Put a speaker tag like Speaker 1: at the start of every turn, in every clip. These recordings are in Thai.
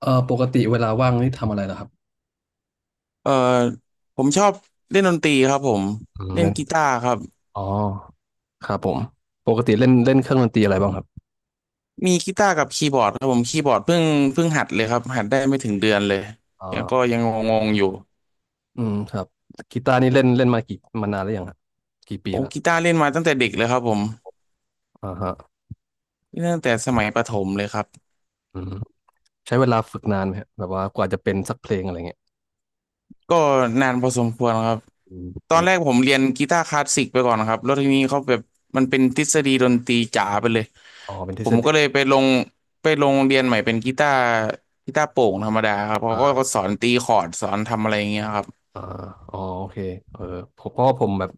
Speaker 1: ปกติเวลาว่างนี่ทำอะไรล่ะครับ
Speaker 2: เอ่อผมชอบเล่นดนตรีครับผม
Speaker 1: อืม
Speaker 2: เล่น
Speaker 1: เล่น
Speaker 2: กีตาร์ครับ
Speaker 1: อ๋อครับผมปกติเล่นเล่นเครื่องดนตรีอะไรบ้างครับ
Speaker 2: มีกีตาร์กับคีย์บอร์ดครับผมคีย์บอร์ดเพิ่งหัดเลยครับหัดได้ไม่ถึงเดือนเลย
Speaker 1: อ่
Speaker 2: แล้วก็
Speaker 1: า
Speaker 2: ยังงงๆอยู่
Speaker 1: อืมครับกีตาร์นี่เล่นเล่นมากี่มานานแล้วยังครับกี่ปี
Speaker 2: โอ้
Speaker 1: แล้ว
Speaker 2: กีตาร์เล่นมาตั้งแต่เด็กเลยครับผม
Speaker 1: อ่าฮะ
Speaker 2: เล่นตั้งแต่สมัยประถมเลยครับ
Speaker 1: อืมใช้เวลาฝึกนานไหมฮะแบบว่ากว่าจะเป็นสักเพลงอะไรเงี้ย
Speaker 2: ก็นานพอสมควรครับ
Speaker 1: อืม
Speaker 2: ต
Speaker 1: อื
Speaker 2: อนแร
Speaker 1: ม
Speaker 2: กผมเรียนกีตาร์คลาสสิกไปก่อนครับแล้วทีนี้เขาแบบมันเป็นทฤษฎีดนตรีจ๋าไปเลย
Speaker 1: อ๋อเป็นทฤ
Speaker 2: ผ
Speaker 1: ษ
Speaker 2: ม
Speaker 1: ฎี
Speaker 2: ก็เลยไปลงเรียนใหม่เป็นกีตาร์กีตาร์โปร่งธรรมดาครับเขา
Speaker 1: อ่
Speaker 2: ก็
Speaker 1: า
Speaker 2: สอนตีคอร์ดสอนทำอะไรอย่างเงี้ยครับ
Speaker 1: อ่าอ๋อโอเคเออผมเพราะว่าผมแบบ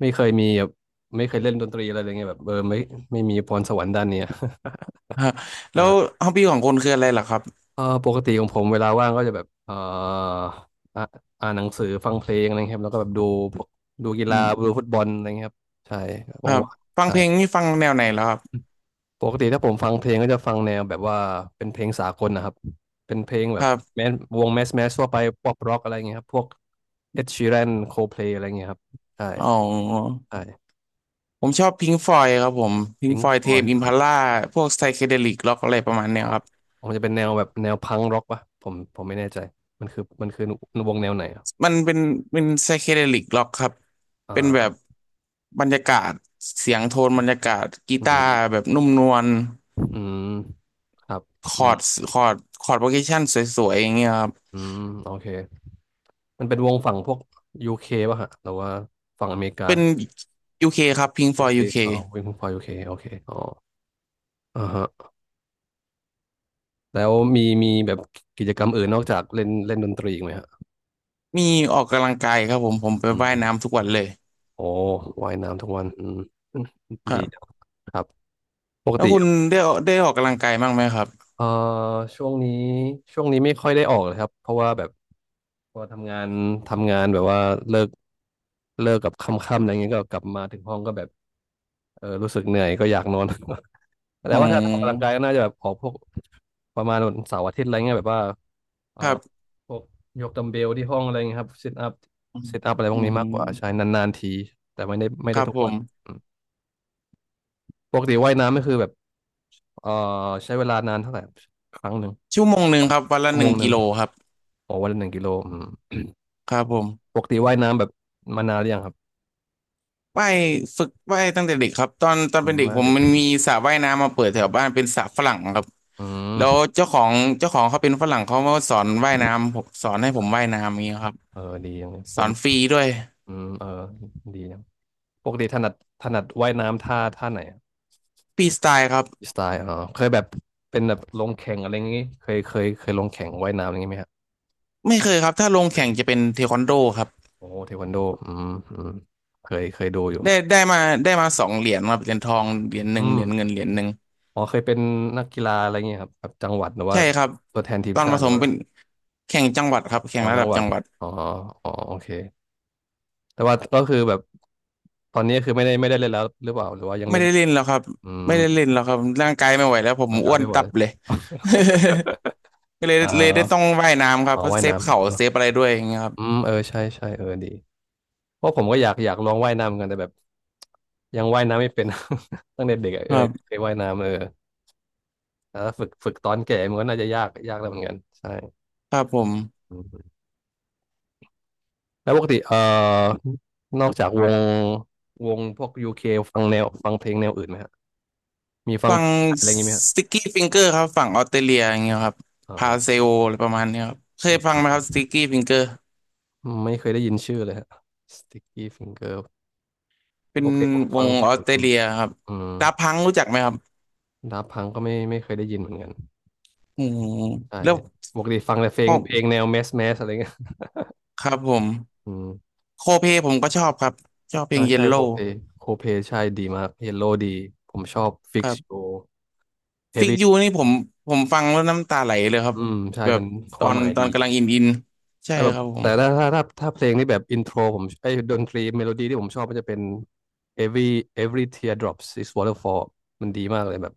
Speaker 1: ไม่เคยมีแบบไม่เคยเล่นดนตรีอะไรเลยไงแบบเออไม่ไม่มีพรสวรรค์ด้านเนี้ย
Speaker 2: ฮะ แล้ว
Speaker 1: เออ
Speaker 2: ฮอบบี้ของคนคืออะไรล่ะครับ
Speaker 1: ปกติของผมเวลาว่างก็จะแบบอ่าอ่านหนังสือฟังเพลงอะไรครับแล้วก็แบบดูพวกดูกี
Speaker 2: อื
Speaker 1: ฬา
Speaker 2: ม
Speaker 1: ดูฟุตบอลอะไรเงี้ยครับใช่ว
Speaker 2: ครับ
Speaker 1: ่างๆ
Speaker 2: ฟัง
Speaker 1: ใช่
Speaker 2: เพลงนี่ฟังแนวไหนแล้วครับ
Speaker 1: ปกติถ้าผมฟังเพลงก็จะฟังแนวแบบว่าเป็นเพลงสากลนะครับเป็นเพลงแบ
Speaker 2: ค
Speaker 1: บ
Speaker 2: รับ
Speaker 1: แมสวงแมสแมสทั่วไปป๊อปร็อกอะไรเงี้ยครับพวกเอ็ดชีแรนโคเพลอะไรเงี้ยครับใช่
Speaker 2: อ๋อ
Speaker 1: ใช่
Speaker 2: ผมชอบพิงฟอยครับผมพิง
Speaker 1: พิง
Speaker 2: ฟ
Speaker 1: ค์
Speaker 2: อย
Speaker 1: ฟ
Speaker 2: เท
Speaker 1: ลอย
Speaker 2: ม
Speaker 1: ด์
Speaker 2: อิมพัลล่าพวกไซเคเดลิกล็อกอะไรประมาณ
Speaker 1: อ๋
Speaker 2: เนี้
Speaker 1: อ
Speaker 2: ยครับ
Speaker 1: ผมจะเป็นแนวแบบแนวพังร็อกปะผมผมไม่แน่ใจมันคือวงแนวไหนอะ
Speaker 2: มันเป็นไซเคเดลิกร็อกครับเป็นแบบ
Speaker 1: อ่า
Speaker 2: บรรยากาศเสียงโทนบรรยากาศกี
Speaker 1: อื
Speaker 2: ตาร์
Speaker 1: ม
Speaker 2: แบบนุ่มนวล
Speaker 1: อืมครับ
Speaker 2: ค
Speaker 1: อื
Speaker 2: อร์ด
Speaker 1: ม
Speaker 2: คอร์ดคอร์ดโปรเกชันสวยๆอย่างเงี้ยครับ
Speaker 1: อืมโอเคมันเป็นวงฝั่งพวกยูเคป่ะฮะหรือว่าฝั่งอเมริกา
Speaker 2: เป็น UK คครับ Pink
Speaker 1: ยูเค
Speaker 2: Floyd UK
Speaker 1: อ๋อวิ่งฝั่งยูเคโอเคอ๋ออ่าฮะแล้วมีแบบกิจกรรมอื่นนอกจากเล่นเล่นดนตรีอีกไหมฮะ
Speaker 2: มีออกกำลังกายครับผมไป
Speaker 1: อืม
Speaker 2: ว่ายน้ำทุกวันเลย
Speaker 1: โอ้ว่ายน้ำทุกวันอืม
Speaker 2: ค รั
Speaker 1: ดีจัง
Speaker 2: บ
Speaker 1: ครับปก
Speaker 2: แล้ว
Speaker 1: ติ
Speaker 2: คุณได้ได้ออกกำลังกายบ้างไหมครับ
Speaker 1: เอ่อช่วงนี้ช่วงนี้ไม่ค่อยได้ออกเลยครับ เพราะว่าแบบพอทำงานแบบว่าเลิกเลิกกับค่ำๆอะไรเงี้ยก็กลับมาถึงห้องก็แบบเออรู้สึกเหนื่อยก็อยากนอน แต่
Speaker 2: อื
Speaker 1: ว่าถ้าออกกำลังกายก็
Speaker 2: ม
Speaker 1: น่าจะแบบออกพวกประมาณวันเสาร์อาทิตย์อะไรเงี้ยแบบว่าเอ่
Speaker 2: ค
Speaker 1: อ
Speaker 2: รับ
Speaker 1: พวกยกดัมเบลที่ห้องอะไรเงี้ยครับซิทอัพซิทอัพอะไรพ
Speaker 2: อื
Speaker 1: วกนี้มากกว่าใช่
Speaker 2: ม
Speaker 1: นานๆทีแต่ไม่ได้ไม่
Speaker 2: ค
Speaker 1: ได้
Speaker 2: รับ
Speaker 1: ทุก
Speaker 2: ผ
Speaker 1: วั
Speaker 2: ม
Speaker 1: นอืมปกติว่ายน้ำก็คือแบบเอ่อใช้เวลานานเท่าไหร่ครั้งหนึ่ง
Speaker 2: ชั่วโมงหนึ่งครับวันละ
Speaker 1: ชั่ว
Speaker 2: ห
Speaker 1: โม
Speaker 2: นึ่ง
Speaker 1: งหนึ่
Speaker 2: กิ
Speaker 1: ง
Speaker 2: โลครับ
Speaker 1: โอ้วันละหนึ่งกิโลอืม
Speaker 2: ครับผ
Speaker 1: ป
Speaker 2: ม
Speaker 1: กติว่ายน้ำแบบมานานหรือยังครับ
Speaker 2: ว่ายฝึกว่ายตั้งแต่เด็กครับตอน
Speaker 1: อื
Speaker 2: เป็น
Speaker 1: ม
Speaker 2: เด็ก
Speaker 1: ว่า
Speaker 2: ผม
Speaker 1: เด็ก
Speaker 2: มันมีสระว่ายน้ำมาเปิดแถวบ้านเป็นสระฝรั่งครับ
Speaker 1: อืม
Speaker 2: แล้วเจ้าของเขาเป็นฝรั่งเขามาสอนว่ายน้ำผมสอนให้ผมว่ายน้ำอย่างเงี้ยครับ
Speaker 1: เออดีอย่างเลย
Speaker 2: ส
Speaker 1: ผ
Speaker 2: อ
Speaker 1: ม
Speaker 2: นฟรีด้วย
Speaker 1: อืมเออดีนะปกติถนัดถนัดว่ายน้ำท่าท่าไหน
Speaker 2: ฟรีสไตล์ครับ
Speaker 1: สไตล์อ๋อเคยแบบเป็นแบบลงแข่งอะไรอย่างงี้เคยลงแข่งว่ายน้ำอะไรอย่างงี้ไหมครับ
Speaker 2: ไม่เคยครับถ้าลงแข่งจะเป็นเทควันโดครับ
Speaker 1: โอ้เทควันโดอืมอืมเคยดูอยู่
Speaker 2: ได้ได้มาได้มาสองเหรียญครับเหรียญทองเหรียญห
Speaker 1: อื
Speaker 2: นึ่งเห
Speaker 1: ม
Speaker 2: รียญเงินเหรียญหนึ่ง
Speaker 1: อ๋อเคยเป็นนักกีฬาอะไรอย่างเงี้ยครับแบบจังหวัดหรือว่า
Speaker 2: ใช่ครับ
Speaker 1: ตัวแทนที
Speaker 2: ต
Speaker 1: ม
Speaker 2: อน
Speaker 1: ชา
Speaker 2: ป
Speaker 1: ติ
Speaker 2: ระ
Speaker 1: ห
Speaker 2: ถ
Speaker 1: รือ
Speaker 2: ม
Speaker 1: ว่า
Speaker 2: เป็นแข่งจังหวัดครับแข่
Speaker 1: อ๋อ
Speaker 2: งระ
Speaker 1: จั
Speaker 2: ดั
Speaker 1: ง
Speaker 2: บ
Speaker 1: หวั
Speaker 2: จั
Speaker 1: ด
Speaker 2: งหวัด
Speaker 1: อ๋ออ๋อโอเคแต่ว่าก็คือแบบตอนนี้คือไม่ได้เล่นแล้วหรือเปล่าหรือว่ายัง
Speaker 2: ไม่
Speaker 1: เล่น
Speaker 2: ได้เล่นแล้วครับ
Speaker 1: อืม
Speaker 2: ไม่ได้เล่นแล้วครับร่างกายไม่ไหวแล้วผม
Speaker 1: ร่างกา
Speaker 2: อ้
Speaker 1: ย
Speaker 2: วน
Speaker 1: ไม่ไหว
Speaker 2: ตับเลย ก็เลย
Speaker 1: เอ่อ
Speaker 2: เลยได้ต้องว่ายน้ำครับ
Speaker 1: อ๋อ
Speaker 2: เพราะ
Speaker 1: ว่าย
Speaker 2: เซฟ
Speaker 1: น้ำ
Speaker 2: เข่า
Speaker 1: เออ
Speaker 2: เซฟอะไรด้วยอย่างเงี้ยครับ
Speaker 1: อืมเออใช่ใช่เออดี เพราะผมก็อยากลองว่ายน้ำเหมือนกันแต่แบบยังว่ายน้ำไม่เป็น ตั้งแต่เด็กอะ
Speaker 2: ค
Speaker 1: เออ
Speaker 2: รับ
Speaker 1: เคยว่ายน้ำเออแต่ถ้าฝึกตอนแก่มันก็น่าจะยากแล้วเหมือนกันใช่
Speaker 2: ครับผม
Speaker 1: อืมแล้วปกตินอกจากวงพวกยูเคฟังแนวฟังเพลงแนวอื่นไหมฮะมีฟัง
Speaker 2: ฟั
Speaker 1: เพ
Speaker 2: ง
Speaker 1: ลงไทยอะไรอย่างงี้ไหมฮะ
Speaker 2: สติ c กี้ฟิงเกอร์ครับฝั่งออสเตรเลียอย่างเงี้ยครับ
Speaker 1: อ๋
Speaker 2: พาเซ
Speaker 1: อ
Speaker 2: โออะไรประมาณเนี้ยครับเค
Speaker 1: อื
Speaker 2: ย
Speaker 1: ม
Speaker 2: ฟังไหมครับสติ c กี้ฟิงเกอร์
Speaker 1: อืมไม่เคยได้ยินชื่อเลยฮะ Sticky Finger
Speaker 2: เป็
Speaker 1: ป
Speaker 2: น
Speaker 1: กติผม
Speaker 2: ว
Speaker 1: ฟัง
Speaker 2: ง
Speaker 1: แค่
Speaker 2: ออ
Speaker 1: แบ
Speaker 2: ส
Speaker 1: บ
Speaker 2: เตร
Speaker 1: อืม
Speaker 2: เลียครับ
Speaker 1: อืม
Speaker 2: ดาพังรู้จักไหมครับ
Speaker 1: ดับพังก็ไม่เคยได้ยินเหมือนกัน
Speaker 2: อืม
Speaker 1: ใช่
Speaker 2: แล้ว
Speaker 1: ปกติฟังแต่เพล
Speaker 2: พ
Speaker 1: ง
Speaker 2: อ
Speaker 1: เพลงแนวแมสแมสอะไรเงี้ย
Speaker 2: ครับผม
Speaker 1: อืม
Speaker 2: โคเพผมก็ชอบครับชอบเพล
Speaker 1: อ่า
Speaker 2: งเย
Speaker 1: ใช่
Speaker 2: ล
Speaker 1: โค
Speaker 2: โล่
Speaker 1: เพโคเพใช่ดีมากเยลโลดีผมชอบฟิ
Speaker 2: ค
Speaker 1: ก
Speaker 2: รั
Speaker 1: โช
Speaker 2: บ
Speaker 1: เฮฟ
Speaker 2: ฟิก
Speaker 1: วี่
Speaker 2: ยูนี่ผมฟังแล้วน้ำตาไหลเลยครับ
Speaker 1: อืมใช่
Speaker 2: แบ
Speaker 1: มั
Speaker 2: บ
Speaker 1: นค
Speaker 2: ตอ
Speaker 1: วาม
Speaker 2: น
Speaker 1: หมาย
Speaker 2: ตอ
Speaker 1: ดี
Speaker 2: นกำลังอินใช่
Speaker 1: แต่แบ
Speaker 2: ค
Speaker 1: บ
Speaker 2: รับผม
Speaker 1: แต่ถ้าเพลงนี่แบบอินโทรผมไอ้ยดนตรีเมโลดี้ที่ผมชอบมันจะเป็น every every tear drops is waterfall มันดีมากเลยแบบ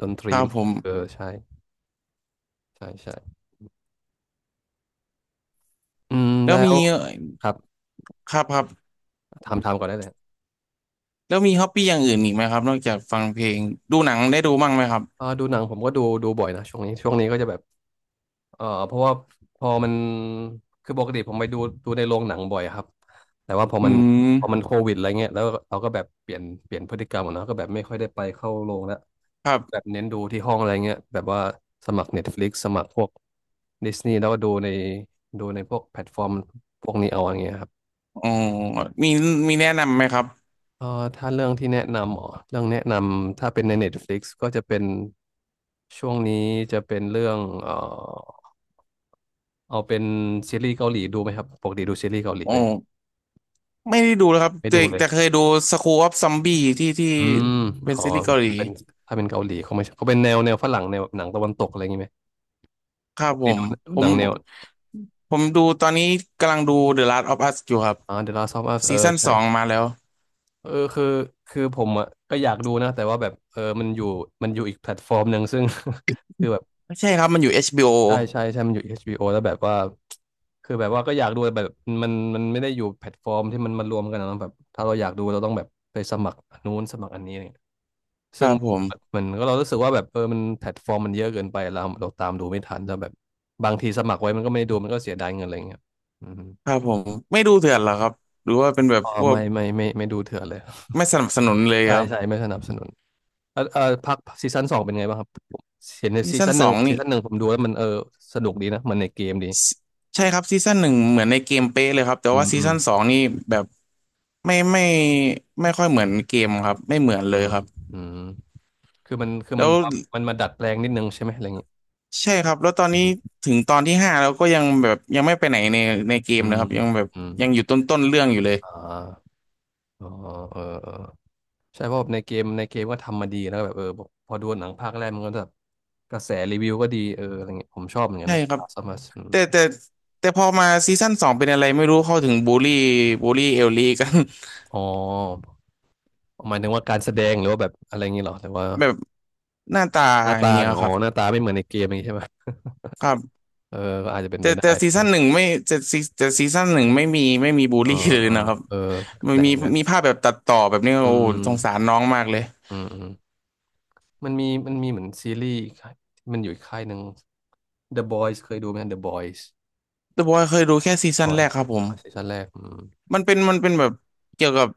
Speaker 1: ดนต
Speaker 2: ค
Speaker 1: รี
Speaker 2: รับ
Speaker 1: มัน
Speaker 2: ผ
Speaker 1: เออ
Speaker 2: ม
Speaker 1: ใช่ใช่ใช่อืม
Speaker 2: แล้ว
Speaker 1: แล้
Speaker 2: มี
Speaker 1: วครับ
Speaker 2: ครับครับ
Speaker 1: ทำก่อนได้เลย
Speaker 2: แล้วมีฮอปปี้อย่างอื่นอีกไหมครับนอกจากฟังเพลงดูหนังได้ดูบ้างไหมครับ
Speaker 1: อ่าดูหนังผมก็ดูบ่อยนะช่วงนี้ช่วงนี้ก็จะแบบ เออเพราะว่าพอมันคือปกติผมไปดูดูในโรงหนังบ่อยครับแต่ว่าพอ
Speaker 2: อื
Speaker 1: มัน
Speaker 2: ม
Speaker 1: โควิดอะไรเงี้ยแล้วเราก็แบบเปลี่ยนพฤติกรรมขอะเนาะก็แบบไม่ค่อยได้ไปเข้าโรงแล้ว
Speaker 2: ครั
Speaker 1: แบบ
Speaker 2: บ
Speaker 1: เน้นดูที่ห้องอะไรเงี้ยแบบว่าสมัคร Netflix สมัครพวกดิสนีย์แล้วก็ดูในดูในพวกแพลตฟอร์มพวกนี้เอาอย่างเงี้ยครับ
Speaker 2: อ๋อมีมีแนะนำไหมครับ
Speaker 1: เออถ้าเรื่องที่แนะนำอ๋อเรื่องแนะนำถ้าเป็นใน Netflix ก็จะเป็นช่วงนี้จะเป็นเรื่องเออ เอาเป็นซีรีส์เกาหลีดูไหมครับปกติดูซีรีส์เกาหลี
Speaker 2: อ๋อ
Speaker 1: ไหม
Speaker 2: ไม่ได้ดูเลยครับ
Speaker 1: ไม่
Speaker 2: แต่
Speaker 1: ดูเลย
Speaker 2: แต่เคยดู School of Zombie ที่
Speaker 1: อืม
Speaker 2: เป็น
Speaker 1: อ๋อ
Speaker 2: ซีรีส์เกาหลี
Speaker 1: ถ้าเป็นเกาหลีเขาไม่ใช่เขาเป็นแนวแนวฝรั่งแนวแบบหนังตะวันตกอะไรอย่างงี้ไหม
Speaker 2: ครั
Speaker 1: ป
Speaker 2: บ
Speaker 1: กติดู
Speaker 2: ผ
Speaker 1: หนั
Speaker 2: ม
Speaker 1: งแนว
Speaker 2: ผมดูตอนนี้กำลังดู The Last of Us อยู่ครับ
Speaker 1: อ่า The Last of Us เอ
Speaker 2: ซี
Speaker 1: อ
Speaker 2: ซั่นส
Speaker 1: ใช่
Speaker 2: องมาแล้ว
Speaker 1: เออคือผมอ่ะก็อยากดูนะแต่ว่าแบบเออมันอยู่อีกแพลตฟอร์มหนึ่งซึ่ง คือแบบ
Speaker 2: ไม่ใช่ครับมันอยู่ HBO
Speaker 1: ใช่ใช่ใช่มันอยู่ HBO แล้วแบบว่าคือแบบว่าก็อยากดูแต่แบบมันไม่ได้อยู่แพลตฟอร์มที่มันมารวมกันนะแบบถ้าเราอยากดูเราต้องแบบไปสมัครอันนู้นสมัครอันนี้
Speaker 2: ค
Speaker 1: ซึ่
Speaker 2: รั
Speaker 1: ง
Speaker 2: บผม
Speaker 1: มันก็เรารู้สึกว่าแบบเออมันแพลตฟอร์มมันเยอะเกินไปเราตามดูไม่ทันแล้วแบบบางทีสมัครไว้มันก็ไม่ได้ดูมันก็เสียดายเงินอะไรเงี้ยอืม
Speaker 2: ครับผมไม่ดูเถื่อนเหรอครับหรือว่าเป็นแบบ
Speaker 1: อ๋อ
Speaker 2: พวก
Speaker 1: ไม่ดูเถื่อนเลย
Speaker 2: ไม่สนับสนุนเลย
Speaker 1: ใช่
Speaker 2: ครับ
Speaker 1: ใช่ไม่สนับสนุนเออเออพักซีซั่นสองเป็นไงบ้างครับเห็นใน
Speaker 2: ซี
Speaker 1: ซี
Speaker 2: ซั่น
Speaker 1: ซั่นห
Speaker 2: ส
Speaker 1: นึ่
Speaker 2: อ
Speaker 1: ง
Speaker 2: งนี่
Speaker 1: ผมดูแล้วมันเออสนุกดีนะมันในเกมดี
Speaker 2: Si- ใช่ครับซีซั่นหนึ่งเหมือนในเกมเป๊ะเลยครับแต่
Speaker 1: อื
Speaker 2: ว่า
Speaker 1: ม
Speaker 2: ซี
Speaker 1: อืม
Speaker 2: ซั่นสองนี่แบบไม่ไม่ค่อยเหมือนเกมครับไม่เหมือนเล
Speaker 1: อื
Speaker 2: ย
Speaker 1: ม
Speaker 2: ครับ
Speaker 1: อืมคือมัน
Speaker 2: แล้ว
Speaker 1: แบบว่ามันมาดัดแปลงนิดนึงใช่ไหมอะไรอย่างเงี้ย
Speaker 2: ใช่ครับแล้วตอน
Speaker 1: อื
Speaker 2: นี้
Speaker 1: ม
Speaker 2: ถึงตอนที่ห้าแล้วก็ยังแบบยังไม่ไปไหนในเกม
Speaker 1: อื
Speaker 2: เลย
Speaker 1: ม
Speaker 2: ครับยังแบบ
Speaker 1: อืม
Speaker 2: ยังอยู่ต้นเรื่องอยู่เลย
Speaker 1: อ่าอ๋อเออเออ ใช่เพราะแบบในเกมก็ทำมาดีแล้วก็แบบเออพอดูหนังภาคแรกมันก็แบบกระแสรีวิวก็ดีเอออะไรเงี้ยผมชอบเหมือนกัน
Speaker 2: ใช่
Speaker 1: นะ
Speaker 2: ครับ
Speaker 1: สมัส
Speaker 2: แต่แต่แต่พอมาซีซั่นสองเป็นอะไรไม่รู้เข้าถึงบูลลี่บูลลี่เอลลี่กัน
Speaker 1: อ๋อหมายถึงว่าการแสดงหรือว่าแบบอะไรเงงี้ยหรอแต่ว่า
Speaker 2: แบบหน้าตา
Speaker 1: หน้า
Speaker 2: อย่าง
Speaker 1: ตา
Speaker 2: เงี้ย
Speaker 1: อ๋
Speaker 2: ค
Speaker 1: อ
Speaker 2: รับ
Speaker 1: หน้าตาไม่เหมือนในเกมอย่างงี้ใช่ไหม
Speaker 2: ครับ
Speaker 1: เออก็อาจจะเป็นไป
Speaker 2: แต่
Speaker 1: ได้
Speaker 2: แต่ซี
Speaker 1: ใช่ไหม
Speaker 2: ซั่นหนึ่งไม่แต่ซีซั่นหนึ่งไม่มีบูล
Speaker 1: อ๋อ
Speaker 2: ลี่เลย
Speaker 1: อ๋อ
Speaker 2: นะครับ
Speaker 1: เออ
Speaker 2: มั
Speaker 1: แป
Speaker 2: น
Speaker 1: ล
Speaker 2: มี
Speaker 1: กเหมือนกัน
Speaker 2: มีภาพแบบตัดต่อแบบนี้
Speaker 1: อื
Speaker 2: โอ้
Speaker 1: ม
Speaker 2: สงสารน้องมากเลย
Speaker 1: อืมอืมมันมีเหมือนซีรีส์อีกค่ายที่มันอยู่อีกค่ายหนึ่ง The Boys เคยดูไหม The Boys
Speaker 2: แต่บอกว่าเคยดูแค่ซีซั่นแร
Speaker 1: Boys
Speaker 2: กครับผม
Speaker 1: อ๋อซีซั่นแรกอืม
Speaker 2: มันเป็นแบบเกี่ยวกับ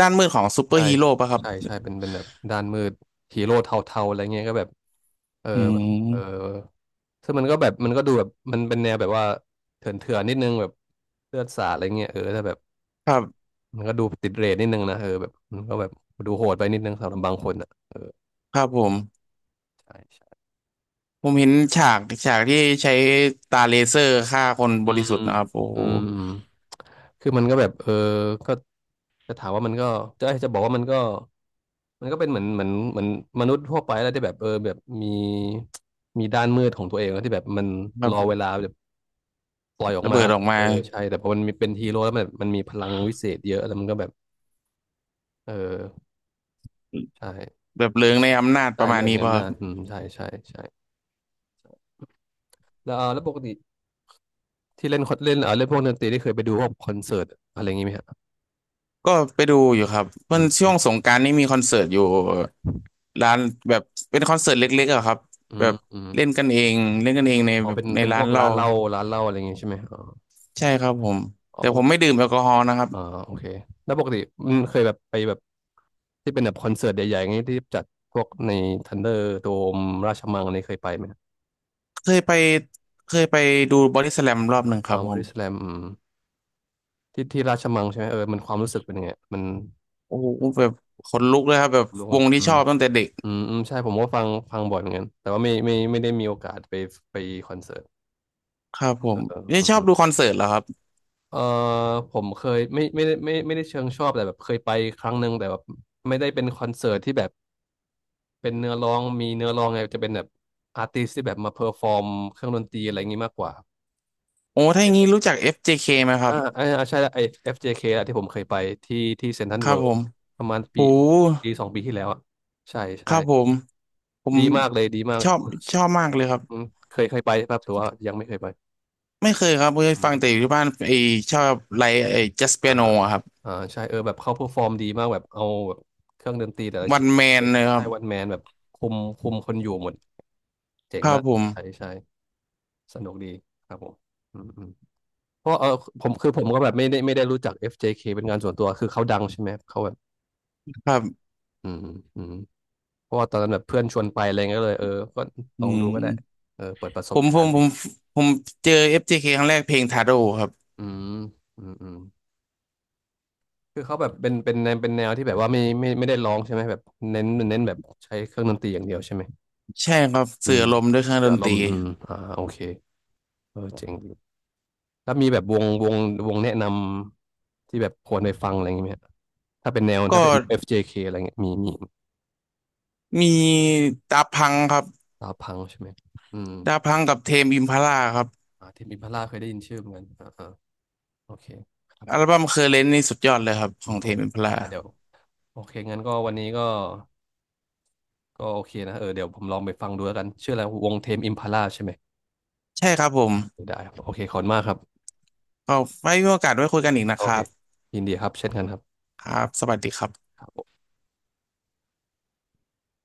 Speaker 2: ด้านมืดของซูเปอ
Speaker 1: ใช่
Speaker 2: ร์ฮีโร่ป่ะครับ
Speaker 1: ใช่ใช่เป็นแบบด้านมืดฮีโร่เทาๆอะไรเงี้ยก็แบบเออ
Speaker 2: อื
Speaker 1: แบบเออ
Speaker 2: ม
Speaker 1: ซึ่งมันก็แบบมันก็ดูแบบมันเป็นแนวแบบว่าเถื่อนๆนิดนึงแบบเลือดสาดอะไรเงี้ยเออถ้าแบบ
Speaker 2: ครับ
Speaker 1: มันก็ดูติดเรทนิดนึงนะเออแบบมันก็แบบดูโหดไปนิดนึงสำหรับบางคนอ่ะเออ
Speaker 2: ครับผม
Speaker 1: ใช่ใช่
Speaker 2: ผมเห็นฉากที่ใช้ตาเลเซอร์ฆ่าคน
Speaker 1: อื
Speaker 2: บริ
Speaker 1: ม
Speaker 2: สุทธิ์นะครับโอ้
Speaker 1: อื
Speaker 2: โห
Speaker 1: มอืมคือมันก็แบบเออก็จะถามว่ามันก็จะบอกว่ามันก็ มันก็เป็นเหมือนมนุษย์ทั่วไปแล้วที่แบบเออแบบมีด้านมืดของตัวเองแล้วที่แบบมันร
Speaker 2: แบบ
Speaker 1: อเวลาแบบปล่อยออก
Speaker 2: ระเบิ
Speaker 1: มา
Speaker 2: ดออกมา
Speaker 1: เออใช่แต่พอมันมีเป็นฮีโร่แล้วมันมีพลังวิเศษเยอะแล้วมันก็แบบเออใช่
Speaker 2: แบบเลิงในอำนาจป
Speaker 1: ได้
Speaker 2: ระมาณ
Speaker 1: เรื่
Speaker 2: นี้
Speaker 1: ใน
Speaker 2: ป่ะ
Speaker 1: อำ
Speaker 2: ครั
Speaker 1: นา
Speaker 2: บ
Speaker 1: จอืมใช่ใช่ใช่แล้วเออแล้วปกติที่เล่นคอนเล่นเออเล่นพวกดนตรีที่เคยไปดูพวกคอนเสิร์ตอะไรอย่างงี้ไหมฮะ
Speaker 2: ก็ไปดูอยู่ครับ
Speaker 1: อื
Speaker 2: เพื่อนช่วงส
Speaker 1: ม
Speaker 2: งกรานต์นี่มีคอนเสิร์ตอยู่ ร้านแบบเป็นคอนเสิร์ตเล็กๆอะครับ
Speaker 1: อื
Speaker 2: แบ
Speaker 1: ม
Speaker 2: บ
Speaker 1: อืม
Speaker 2: เล่นกันเองเล่นกันเองใน
Speaker 1: อ๋อ
Speaker 2: แบบ
Speaker 1: เป็น
Speaker 2: ใน
Speaker 1: พ
Speaker 2: ร้า
Speaker 1: ว
Speaker 2: น
Speaker 1: ก
Speaker 2: เรา
Speaker 1: ร้านเหล้าอะไรอย่างงี้ใช่ไหมอ๋อ
Speaker 2: ใช่ครับผม
Speaker 1: อ๋อ
Speaker 2: แต่
Speaker 1: ป
Speaker 2: ผมไม่
Speaker 1: ก
Speaker 2: ดื่มแอลกอฮอล์นะครับ
Speaker 1: อ่าโอเคแล้วปกติมันเคยแบบไปแบบที่เป็นแบบคอนเสิร์ตใหญ่ๆงี้ที่จัดพวกในทันเดอร์โดมราชมังนี่เคยไปไหม
Speaker 2: เคยไปเคยไปดูบอดี้สแลมรอบหนึ่งค
Speaker 1: อ่า
Speaker 2: รับ
Speaker 1: บ
Speaker 2: ผ
Speaker 1: อ
Speaker 2: ม
Speaker 1: ดี้สแลมอืมที่ที่ราชมังใช่ไหมเออมันความรู้สึกเป็นยังไงมัน
Speaker 2: โอ้โหแบบขนลุกเลยครับแบบ
Speaker 1: รู้
Speaker 2: ว
Speaker 1: ว่า
Speaker 2: งที่
Speaker 1: อื
Speaker 2: ช
Speaker 1: ม
Speaker 2: อบตั้งแต่เด็ก
Speaker 1: อืมอืมใช่ผมก็ฟังบ่อยเหมือนกันแต่ว่าไม่ได้มีโอกาสไปไปคอนเสิร์ต
Speaker 2: ครับผ
Speaker 1: เออ
Speaker 2: มนี่
Speaker 1: อืม
Speaker 2: ชอ
Speaker 1: ฮึ
Speaker 2: บดูคอนเสิร์ตเหรอครับ
Speaker 1: เออผมเคยไม่ไม่ได้เชิงชอบแต่แบบเคยไปครั้งหนึ่งแต่แบบไม่ได้เป็นคอนเสิร์ตที่แบบ เป็นเนื้อร้องมีเนื้อร้องไงจะเป็นแบบอาร์ติสที่แบบมาเพอร์ฟอร์มเครื่องดนตรีอะไรอย่างงี้มากกว่า
Speaker 2: โอ้
Speaker 1: จะ
Speaker 2: ถ้าอ
Speaker 1: เป็
Speaker 2: ย่า
Speaker 1: น
Speaker 2: งนี้รู้จัก FJK ไหมครั
Speaker 1: อ่า
Speaker 2: บ
Speaker 1: อ่าใช่แล้วไอ้ FJK อฟเจเคอะที่ผมเคยไปที่ที่เซ็นทรัล
Speaker 2: ครั
Speaker 1: เวิ
Speaker 2: บ
Speaker 1: ล
Speaker 2: ผ
Speaker 1: ด์
Speaker 2: ม
Speaker 1: ประมาณปี
Speaker 2: โห
Speaker 1: สองปีที่แล้วอะใช่
Speaker 2: ค
Speaker 1: ใช่
Speaker 2: รับผมผม
Speaker 1: ดีมากเลยดีมาก
Speaker 2: ชอบชอบมากเลยครับ
Speaker 1: อืมเคยไปครับแต่ว่ายังไม่เคยไป
Speaker 2: ไม่เคยครับเคย
Speaker 1: อื
Speaker 2: ฟังแต่
Speaker 1: ม
Speaker 2: อยู่ที่บ้านไอชอบไลฟ์ไอจัสเปี
Speaker 1: อ่า
Speaker 2: ยโนครับ
Speaker 1: อ่าใช่เออแบบเขาเพอร์ฟอร์มดีมากแบบเอาแบบเครื่องดนตรีแต่ละ
Speaker 2: วั
Speaker 1: ชิ้
Speaker 2: น
Speaker 1: น
Speaker 2: แมนเลยครั
Speaker 1: ไต้
Speaker 2: บ
Speaker 1: หวันแมนแบบคุมคนอยู่หมดเจ๋
Speaker 2: ค
Speaker 1: ง
Speaker 2: รับ
Speaker 1: มาก
Speaker 2: ผม
Speaker 1: ใช่ใช่สนุกดีครับผมอืมอืม เพราะเออผมคือผมก็แบบไม่ได้รู้จัก FJK เจเคเป็นงานส่วนตัวคือเขาดังใช่ไหมเขาแบบ
Speaker 2: ครับ
Speaker 1: อืมอืมเพราะว่าตอนนั้นแบบเพื่อนชวนไปอะไรเงี้ยก็เลยเออก็
Speaker 2: อื
Speaker 1: ลองดูก็ได้
Speaker 2: ม
Speaker 1: เออเปิดประส
Speaker 2: ผ
Speaker 1: บ
Speaker 2: ม
Speaker 1: กา
Speaker 2: ผ
Speaker 1: ร
Speaker 2: ม
Speaker 1: ณ์
Speaker 2: ผ
Speaker 1: ดิ
Speaker 2: มผมเจอ FJK คครั้งแรกเพลงทาโร่ครับ
Speaker 1: อืมอืมอืมคือเขาแบบเป็นแนวเป็นแนวที่แบบว่าไม่ได้ร้องใช่ไหมแบบเน้นแบบใช้เครื่องดนตรีอย่างเดียวใช่ไหม
Speaker 2: ใช่ครับ
Speaker 1: อื
Speaker 2: สื่อ
Speaker 1: ม
Speaker 2: อารมณ์ด้วยเครื่อง
Speaker 1: เสื
Speaker 2: ด
Speaker 1: อ
Speaker 2: น
Speaker 1: ล
Speaker 2: ตรี
Speaker 1: มอืมอ่าโอเคเออเจ๋งดีแล้วมีแบบวงแนะนำที่แบบควรไปฟังอะไรอย่างเงี้ยไหมฮะถ้าเป็นแนวถ้า
Speaker 2: ก็
Speaker 1: เป็น FJK อฟเจเคอะไรเงี้ยมีมี
Speaker 2: มีดาพังครับ
Speaker 1: ดาวพังใช่ไหม อืม
Speaker 2: ดาพังกับเทมอิมพาลาครับ
Speaker 1: อ่าเทมิพัลล่าเคยได้ยินชื่อเหมือนกันอ่าอ่าโอเคครับ
Speaker 2: อัลบั้มเคอร์เรนนี่สุดยอดเลยครับ
Speaker 1: อื
Speaker 2: ขอ
Speaker 1: ม
Speaker 2: ง
Speaker 1: โอ
Speaker 2: เทม
Speaker 1: เค
Speaker 2: อิมพาลา
Speaker 1: อ่าเดี๋ยวโอเคงั้นก็วันนี้ก็โอเคนะเออเดี๋ยวผมลองไปฟังดูแล้วกันชื่ออะไรวงเทมอิมพาล่าใช่ไหม
Speaker 2: ใช่ครับผม
Speaker 1: ได้ครับโอเคขอบคุณมากครับ
Speaker 2: ก็ไว้มีโอกาสไว้คุยกันอีกนะ
Speaker 1: โอ
Speaker 2: ค
Speaker 1: เค
Speaker 2: รับ
Speaker 1: ยินดีครับ เช่นกันครั
Speaker 2: ครับสวัสดีครับ
Speaker 1: บ